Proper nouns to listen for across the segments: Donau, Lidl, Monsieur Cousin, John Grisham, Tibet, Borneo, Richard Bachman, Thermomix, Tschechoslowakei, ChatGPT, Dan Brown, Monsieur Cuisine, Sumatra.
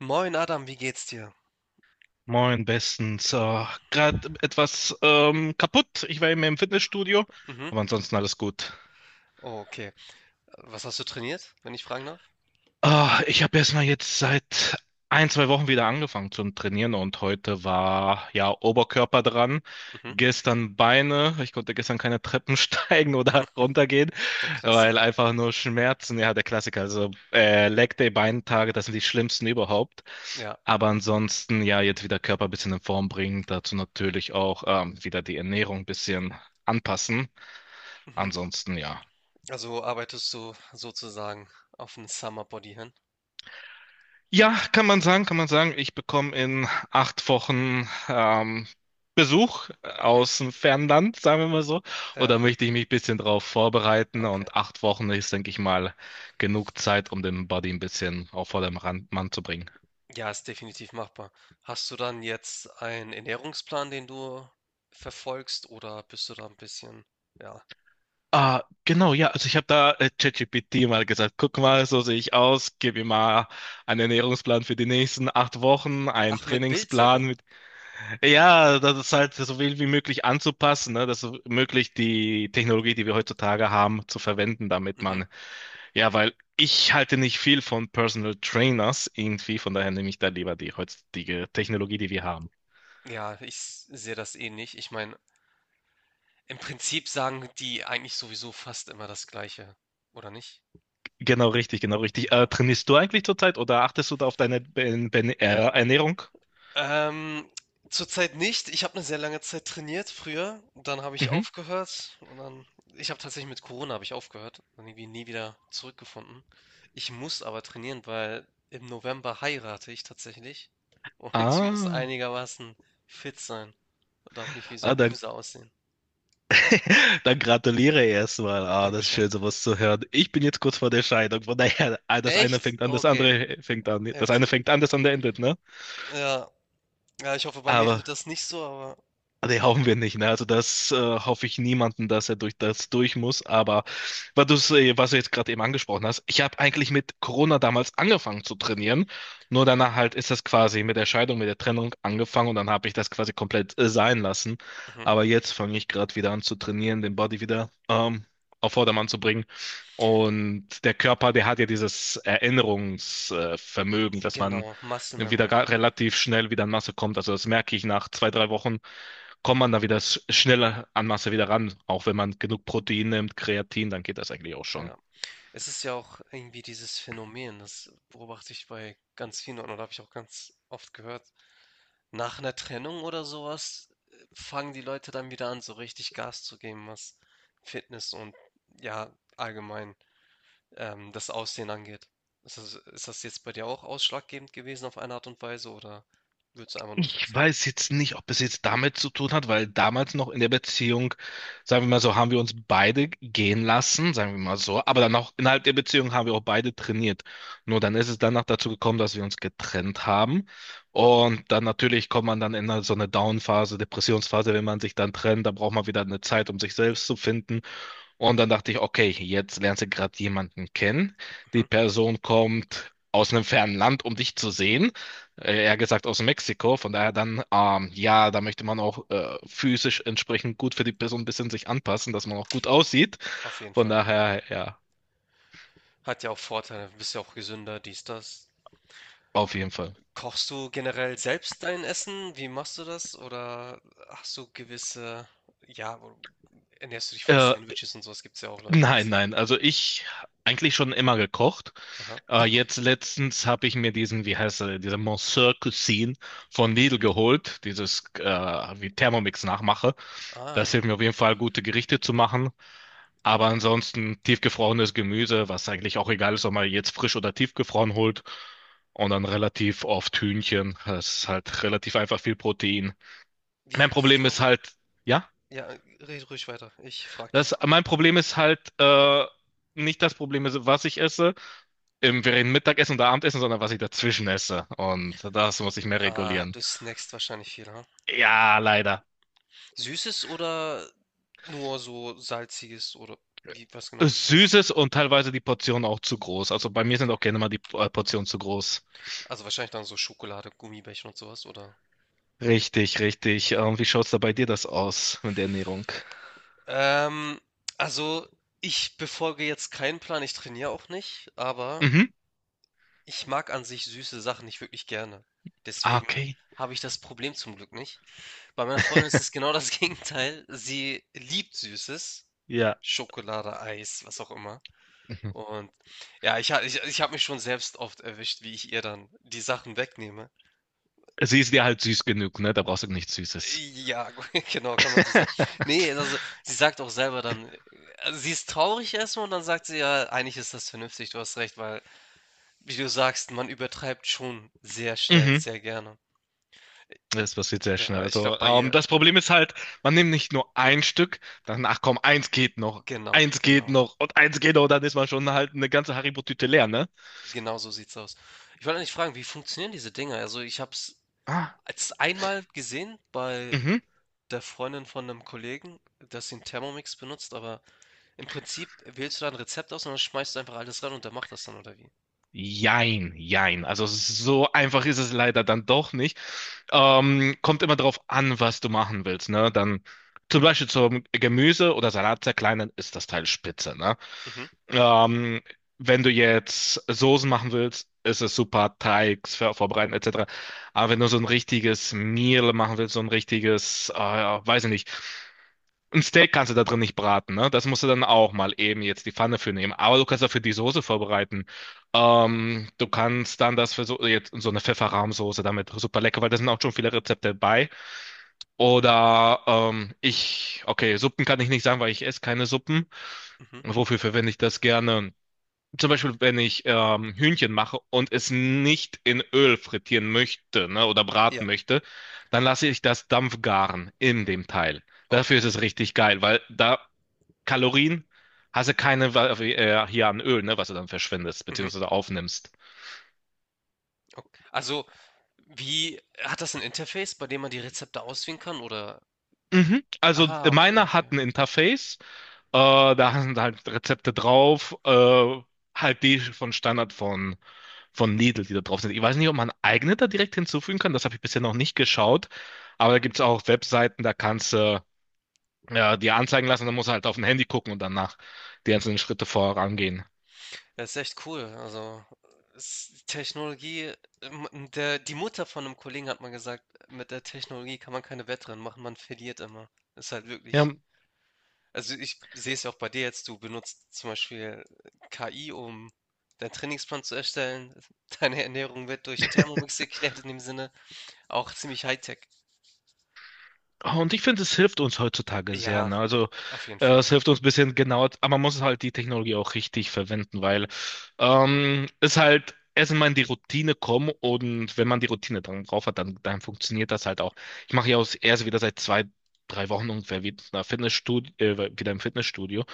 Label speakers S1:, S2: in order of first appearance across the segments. S1: Moin Adam, wie geht's dir?
S2: Moin, bestens. Gerade etwas kaputt. Ich war eben im Fitnessstudio,
S1: Mhm.
S2: aber ansonsten alles gut.
S1: Oh, okay. Was hast du trainiert, wenn ich fragen darf?
S2: Ah, ich habe erst mal jetzt seit ein, zwei Wochen wieder angefangen zum Trainieren, und heute war ja Oberkörper dran,
S1: Mhm.
S2: gestern Beine. Ich konnte gestern keine Treppen steigen oder runtergehen,
S1: Der
S2: weil
S1: Klassiker.
S2: einfach nur Schmerzen. Ja, der Klassiker. Also Leg Day, Beintage, das sind die schlimmsten überhaupt.
S1: Ja.
S2: Aber ansonsten ja jetzt wieder Körper ein bisschen in Form bringen. Dazu natürlich auch wieder die Ernährung ein bisschen anpassen.
S1: Mhm.
S2: Ansonsten ja.
S1: Also arbeitest du sozusagen auf ein Summer Body hin?
S2: Ja, kann man sagen, kann man sagen. Ich bekomme in 8 Wochen Besuch
S1: Mhm.
S2: aus dem Fernland, sagen wir mal so. Und da
S1: Ja.
S2: möchte ich mich ein bisschen drauf vorbereiten.
S1: Okay.
S2: Und 8 Wochen ist, denke ich mal, genug Zeit, um den Body ein bisschen auf vorderem Mann zu bringen.
S1: Ja, ist definitiv machbar. Hast du dann jetzt einen Ernährungsplan, den du verfolgst, oder bist du da ein bisschen, ja.
S2: Ah, genau, ja. Also ich habe da ChatGPT mal gesagt, guck mal, so sehe ich aus. Gib mir mal einen Ernährungsplan für die nächsten 8 Wochen, einen
S1: Ach, mit Bild sogar.
S2: Trainingsplan mit. Ja, das ist halt so viel wie möglich anzupassen, ne? Das so möglich die Technologie, die wir heutzutage haben, zu verwenden, damit
S1: Mhm.
S2: man, ja, weil ich halte nicht viel von Personal Trainers irgendwie, von daher nehme ich da lieber die heutige Technologie, die wir haben.
S1: Ja, sehe das ähnlich. Ich meine, im Prinzip sagen die eigentlich sowieso fast immer das Gleiche, oder nicht?
S2: Genau richtig, genau richtig.
S1: Genau.
S2: Trainierst du eigentlich zurzeit oder achtest du da auf deine Ernährung?
S1: Ähm, Zurzeit nicht. Ich habe eine sehr lange Zeit trainiert früher, dann habe ich
S2: Mhm.
S1: aufgehört und dann ich habe tatsächlich mit Corona habe ich aufgehört und irgendwie nie wieder zurückgefunden. Ich muss aber trainieren, weil im November heirate ich tatsächlich und ich muss
S2: Ah,
S1: einigermaßen fit sein, darf nicht wie so
S2: ah,
S1: ein
S2: dann
S1: Loser aussehen.
S2: Dann gratuliere erstmal. Ah, das ist
S1: Dankeschön.
S2: schön, sowas zu hören. Ich bin jetzt kurz vor der Scheidung. Von daher, ah, das eine
S1: Echt?
S2: fängt an, das
S1: Okay,
S2: andere fängt an. Das eine
S1: heftig.
S2: fängt an, das andere endet, ne?
S1: Ja, ja, ich hoffe, bei mir
S2: Aber
S1: endet das nicht so, aber
S2: ah, nee, hoffen wir nicht, ne? Also das hoffe ich niemanden, dass er durch das durch muss. Aber weil du was du jetzt gerade eben angesprochen hast, ich habe eigentlich mit Corona damals angefangen zu trainieren. Nur danach halt ist das quasi mit der Scheidung, mit der Trennung angefangen, und dann habe ich das quasi komplett sein lassen.
S1: mhm,
S2: Aber jetzt fange ich gerade wieder an zu trainieren, den Body wieder auf Vordermann zu bringen. Und der Körper, der hat ja dieses Erinnerungsvermögen, Vermögen, dass man
S1: genau, Muscle
S2: wieder
S1: Memory,
S2: relativ schnell wieder in Masse kommt. Also das merke ich, nach zwei, drei Wochen kommt man da wieder schneller an Masse wieder ran. Auch wenn man genug Protein nimmt, Kreatin, dann geht das eigentlich auch schon.
S1: ja. Es ist ja auch irgendwie dieses Phänomen, das beobachte ich bei ganz vielen Leuten oder habe ich auch ganz oft gehört. Nach einer Trennung oder sowas fangen die Leute dann wieder an, so richtig Gas zu geben, was Fitness und ja, allgemein das Aussehen angeht. Ist das jetzt bei dir auch ausschlaggebend gewesen auf eine Art und Weise oder würdest du einfach nur fit
S2: Ich
S1: sein?
S2: weiß jetzt nicht, ob es jetzt damit zu tun hat, weil damals noch in der Beziehung, sagen wir mal so, haben wir uns beide gehen lassen, sagen wir mal so, aber dann
S1: Mhm.
S2: auch innerhalb der Beziehung haben wir auch beide trainiert. Nur dann ist es danach dazu gekommen, dass wir uns getrennt haben. Und dann natürlich kommt man dann in so eine Down-Phase, Depressionsphase, wenn man sich dann trennt, dann braucht man wieder eine Zeit, um sich selbst zu finden. Und dann dachte ich, okay, jetzt lernst du gerade jemanden kennen.
S1: Mhm.
S2: Die Person kommt aus einem fernen Land, um dich zu sehen. Eher gesagt aus Mexiko. Von daher dann, ja, da möchte man auch physisch entsprechend gut für die Person ein bisschen sich anpassen, dass man auch gut aussieht.
S1: Auf jeden
S2: Von
S1: Fall.
S2: daher, ja,
S1: Hat ja auch Vorteile, bist ja auch gesünder, dies, das.
S2: auf jeden Fall.
S1: Kochst du generell selbst dein Essen? Wie machst du das? Oder hast du gewisse, ja, ernährst du dich von
S2: Äh,
S1: Sandwiches und sowas? Gibt es ja auch Leute, die das
S2: nein,
S1: so.
S2: nein, also ich eigentlich schon immer gekocht.
S1: Aha.
S2: Jetzt letztens habe ich mir diesen, wie heißt er, diese Monsieur Cuisine von Lidl geholt, dieses wie Thermomix nachmache. Das
S1: Ah,
S2: hilft mir auf jeden Fall, gute Gerichte zu machen. Aber ansonsten tiefgefrorenes Gemüse, was eigentlich auch egal ist, ob man jetzt frisch oder tiefgefroren holt. Und dann relativ oft Hühnchen. Das ist halt relativ einfach viel Protein. Mein
S1: wie
S2: Problem ist
S1: genau?
S2: halt, ja,
S1: Ja, red ruhig weiter. Ich frag dich
S2: das,
S1: doch.
S2: mein Problem ist halt, nicht das Problem ist, was ich esse, im, während Mittagessen oder Abendessen, sondern was ich dazwischen esse. Und das muss ich mehr
S1: Ah,
S2: regulieren.
S1: du snackst wahrscheinlich viel, ha?
S2: Ja, leider.
S1: Süßes oder nur so salziges oder wie, was genau snackst du?
S2: Süßes und teilweise die Portionen auch zu groß. Also bei mir sind
S1: Okay.
S2: auch gerne mal die Portionen zu groß.
S1: Also wahrscheinlich dann so Schokolade, Gummibärchen und sowas, oder?
S2: Richtig, richtig.
S1: Okay.
S2: Wie schaut's da bei dir das aus mit der Ernährung?
S1: Ähm, also ich befolge jetzt keinen Plan, ich trainiere auch nicht, aber
S2: Mhm.
S1: ich mag an sich süße Sachen nicht wirklich gerne.
S2: Ah,
S1: Deswegen
S2: okay.
S1: habe ich das Problem zum Glück nicht. Bei meiner Freundin ist es genau das Gegenteil. Sie liebt Süßes,
S2: Ja.
S1: Schokolade, Eis, was auch immer.
S2: Mhm.
S1: Und ja, ich habe mich schon selbst oft erwischt, wie ich ihr dann die Sachen wegnehme.
S2: Sie ist dir halt süß genug, ne? Da brauchst du nichts Süßes.
S1: Ja, genau, kann man so sagen. Ne, also, sie sagt auch selber dann also, sie ist traurig erstmal und dann sagt sie: „Ja, eigentlich ist das vernünftig, du hast recht“, weil, wie du sagst, man übertreibt schon sehr schnell,
S2: Mhm.
S1: sehr gerne.
S2: Das passiert sehr schnell.
S1: Ja, ich glaube
S2: Also,
S1: bei ihr
S2: das Problem ist halt, man nimmt nicht nur ein Stück, dann, ach komm,
S1: genau,
S2: eins geht
S1: genau.
S2: noch und eins geht noch, dann ist man schon halt eine ganze Haribo-Tüte leer, ne?
S1: Genau so sieht's aus. Ich wollte eigentlich fragen, wie funktionieren diese Dinger? Also, ich habe es
S2: Ah,
S1: als einmal gesehen bei
S2: mhm.
S1: der Freundin von einem Kollegen, dass sie 'n Thermomix benutzt, aber im Prinzip wählst du da ein Rezept aus und dann schmeißt du einfach alles rein und der macht das dann, oder wie?
S2: Jein, jein. Also so einfach ist es leider dann doch nicht. Kommt immer drauf an, was du machen willst, ne? Dann zum Beispiel zum Gemüse oder Salat zerkleinern ist das Teil spitze, ne?
S1: Mhm,
S2: Ähm, Wenn du jetzt Soßen machen willst, ist es super, Teig vorbereiten etc. Aber wenn du so ein richtiges Meal machen willst, so ein richtiges, weiß ich nicht, ein Steak kannst du da drin nicht braten, ne? Das musst du dann auch mal eben jetzt die Pfanne für nehmen. Aber du kannst dafür die Soße vorbereiten. Du kannst dann das für so, jetzt so eine Pfefferrahmsoße damit super lecker, weil da sind auch schon viele Rezepte bei. Oder ich, okay, Suppen kann ich nicht sagen, weil ich esse keine Suppen.
S1: mhm.
S2: Wofür verwende ich das gerne? Zum Beispiel, wenn ich Hühnchen mache und es nicht in Öl frittieren möchte, ne, oder
S1: Ja.
S2: braten möchte, dann lasse ich das Dampfgaren in dem Teil. Dafür
S1: Okay.
S2: ist es richtig geil, weil da Kalorien hast du keine hier an Öl, ne, was du dann verschwendest,
S1: Mhm.
S2: beziehungsweise aufnimmst.
S1: Ok also, wie hat das ein Interface, bei dem man die Rezepte auswählen kann oder
S2: Mhm. Also
S1: ah, okay,
S2: meine
S1: okay.
S2: hat ein Interface. Da sind halt Rezepte drauf, halt die von Standard von Lidl, die da drauf sind. Ich weiß nicht, ob man eigene da direkt hinzufügen kann, das habe ich bisher noch nicht geschaut, aber da gibt es auch Webseiten, da kannst du dir anzeigen lassen, dann musst du halt auf dem Handy gucken und danach die einzelnen Schritte vorangehen.
S1: Das ist echt cool. Also, ist Technologie der die Mutter von einem Kollegen hat mal gesagt: „Mit der Technologie kann man keine Wettrennen machen, man verliert immer.“ Ist halt
S2: Ja,
S1: wirklich also, ich sehe es ja auch bei dir jetzt, du benutzt zum Beispiel KI, um deinen Trainingsplan zu erstellen. Deine Ernährung wird durch Thermomix geklärt in dem Sinne, auch ziemlich High Tech.
S2: ah, und ich finde, es hilft uns heutzutage sehr.
S1: Ja,
S2: Ne? Also
S1: auf jeden Fall.
S2: es hilft uns ein bisschen genauer, aber man muss halt die Technologie auch richtig verwenden, weil es halt erst mal in die Routine kommen, und wenn man die Routine dann drauf hat, dann funktioniert das halt auch. Ich mache ja auch erst wieder seit zwei, drei Wochen ungefähr wieder, wieder im Fitnessstudio.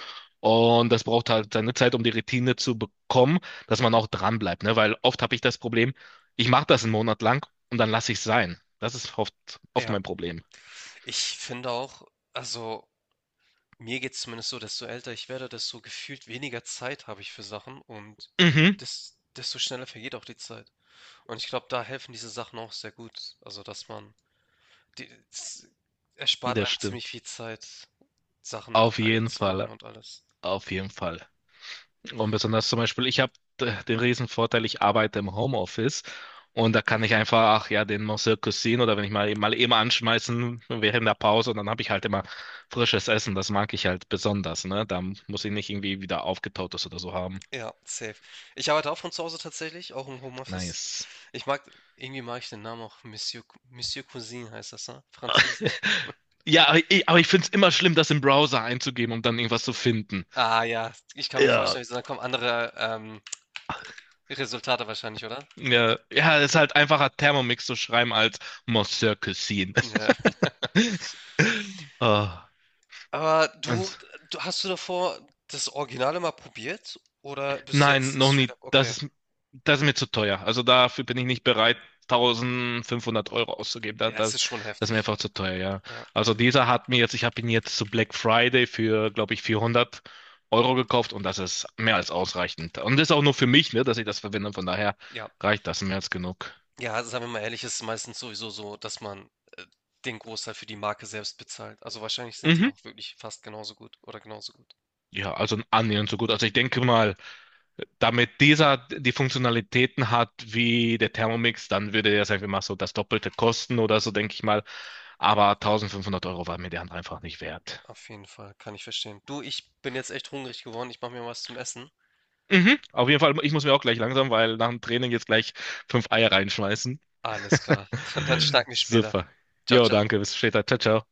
S2: Und das braucht halt seine Zeit, um die Routine zu bekommen, dass man auch dran bleibt, ne? Weil oft habe ich das Problem, ich mache das einen Monat lang und dann lasse ich es sein. Das ist oft, oft
S1: Ja.
S2: mein Problem.
S1: Ich finde auch, also mir geht's zumindest so, desto älter ich werde, desto gefühlt weniger Zeit habe ich für Sachen und
S2: Mhm.
S1: desto schneller vergeht auch die Zeit. Und ich glaube, da helfen diese Sachen auch sehr gut. Also, es erspart
S2: Das
S1: einem
S2: stimmt.
S1: ziemlich viel Zeit, Sachen mit
S2: Auf
S1: KI
S2: jeden
S1: zu machen
S2: Fall.
S1: und alles.
S2: Auf jeden Fall. Und besonders zum Beispiel, ich habe den riesen Vorteil, ich arbeite im Homeoffice, und da kann ich
S1: Mhm.
S2: einfach, ach ja, den Monsieur Cuisine oder wenn ich mal eben anschmeißen während der Pause, und dann habe ich halt immer frisches Essen. Das mag ich halt besonders, ne? Da muss ich nicht irgendwie wieder aufgetautes oder so haben.
S1: Ja, safe. Ich arbeite auch von zu Hause tatsächlich, auch im Homeoffice.
S2: Nice.
S1: Ich mag, irgendwie mag ich den Namen auch Monsieur Cousin heißt das, ne? Französisch.
S2: Ja, aber ich finde es immer schlimm, das im Browser einzugeben, um dann irgendwas zu finden.
S1: Ah ja, ich kann mir
S2: Ja.
S1: vorstellen, da kommen andere, Resultate wahrscheinlich, oder?
S2: Ja, ja, ist
S1: Äh,
S2: halt einfacher Thermomix zu schreiben als Monsieur Cuisine.
S1: ja.
S2: Ah,
S1: Aber du
S2: ans-
S1: du hast du davor das Originale mal probiert oder bist du
S2: nein,
S1: jetzt
S2: noch
S1: straight
S2: nie.
S1: up
S2: Das
S1: okay.
S2: ist, das ist mir zu teuer. Also dafür bin ich nicht bereit, 1.500 Euro auszugeben. Da,
S1: Ja,
S2: da,
S1: es ist schon
S2: das ist mir
S1: heftig.
S2: einfach zu teuer, ja.
S1: Ja,
S2: Also dieser hat mir jetzt, ich habe ihn jetzt zu Black Friday für, glaube ich, 400 Euro gekauft, und das ist mehr als ausreichend. Und das ist auch nur für mich, ne, dass ich das verwende. Von daher
S1: ja.
S2: reicht das mehr als genug.
S1: Ja, sagen wir mal ehrlich, ist es meistens sowieso so, dass man, äh, den Großteil für die Marke selbst bezahlt. Also wahrscheinlich sind die
S2: Mhm.
S1: auch wirklich fast genauso gut oder genauso gut.
S2: Ja, also annähernd so gut. Also ich denke mal, damit dieser die Funktionalitäten hat wie der Thermomix, dann würde der, sagen wir mal, so das Doppelte kosten oder so, denke ich mal. Aber 1.500 Euro war mir der andere einfach nicht wert.
S1: Auf jeden Fall, kann ich verstehen. Du, ich bin jetzt echt hungrig geworden. Ich mache mir was zum Essen.
S2: Mhm, auf jeden Fall, ich muss mir auch gleich langsam, weil nach dem Training jetzt gleich fünf Eier reinschmeißen.
S1: Alles klar. Dann schnacken wir später.
S2: Super.
S1: Ciao,
S2: Jo,
S1: ciao.
S2: danke, bis später. Ciao, ciao.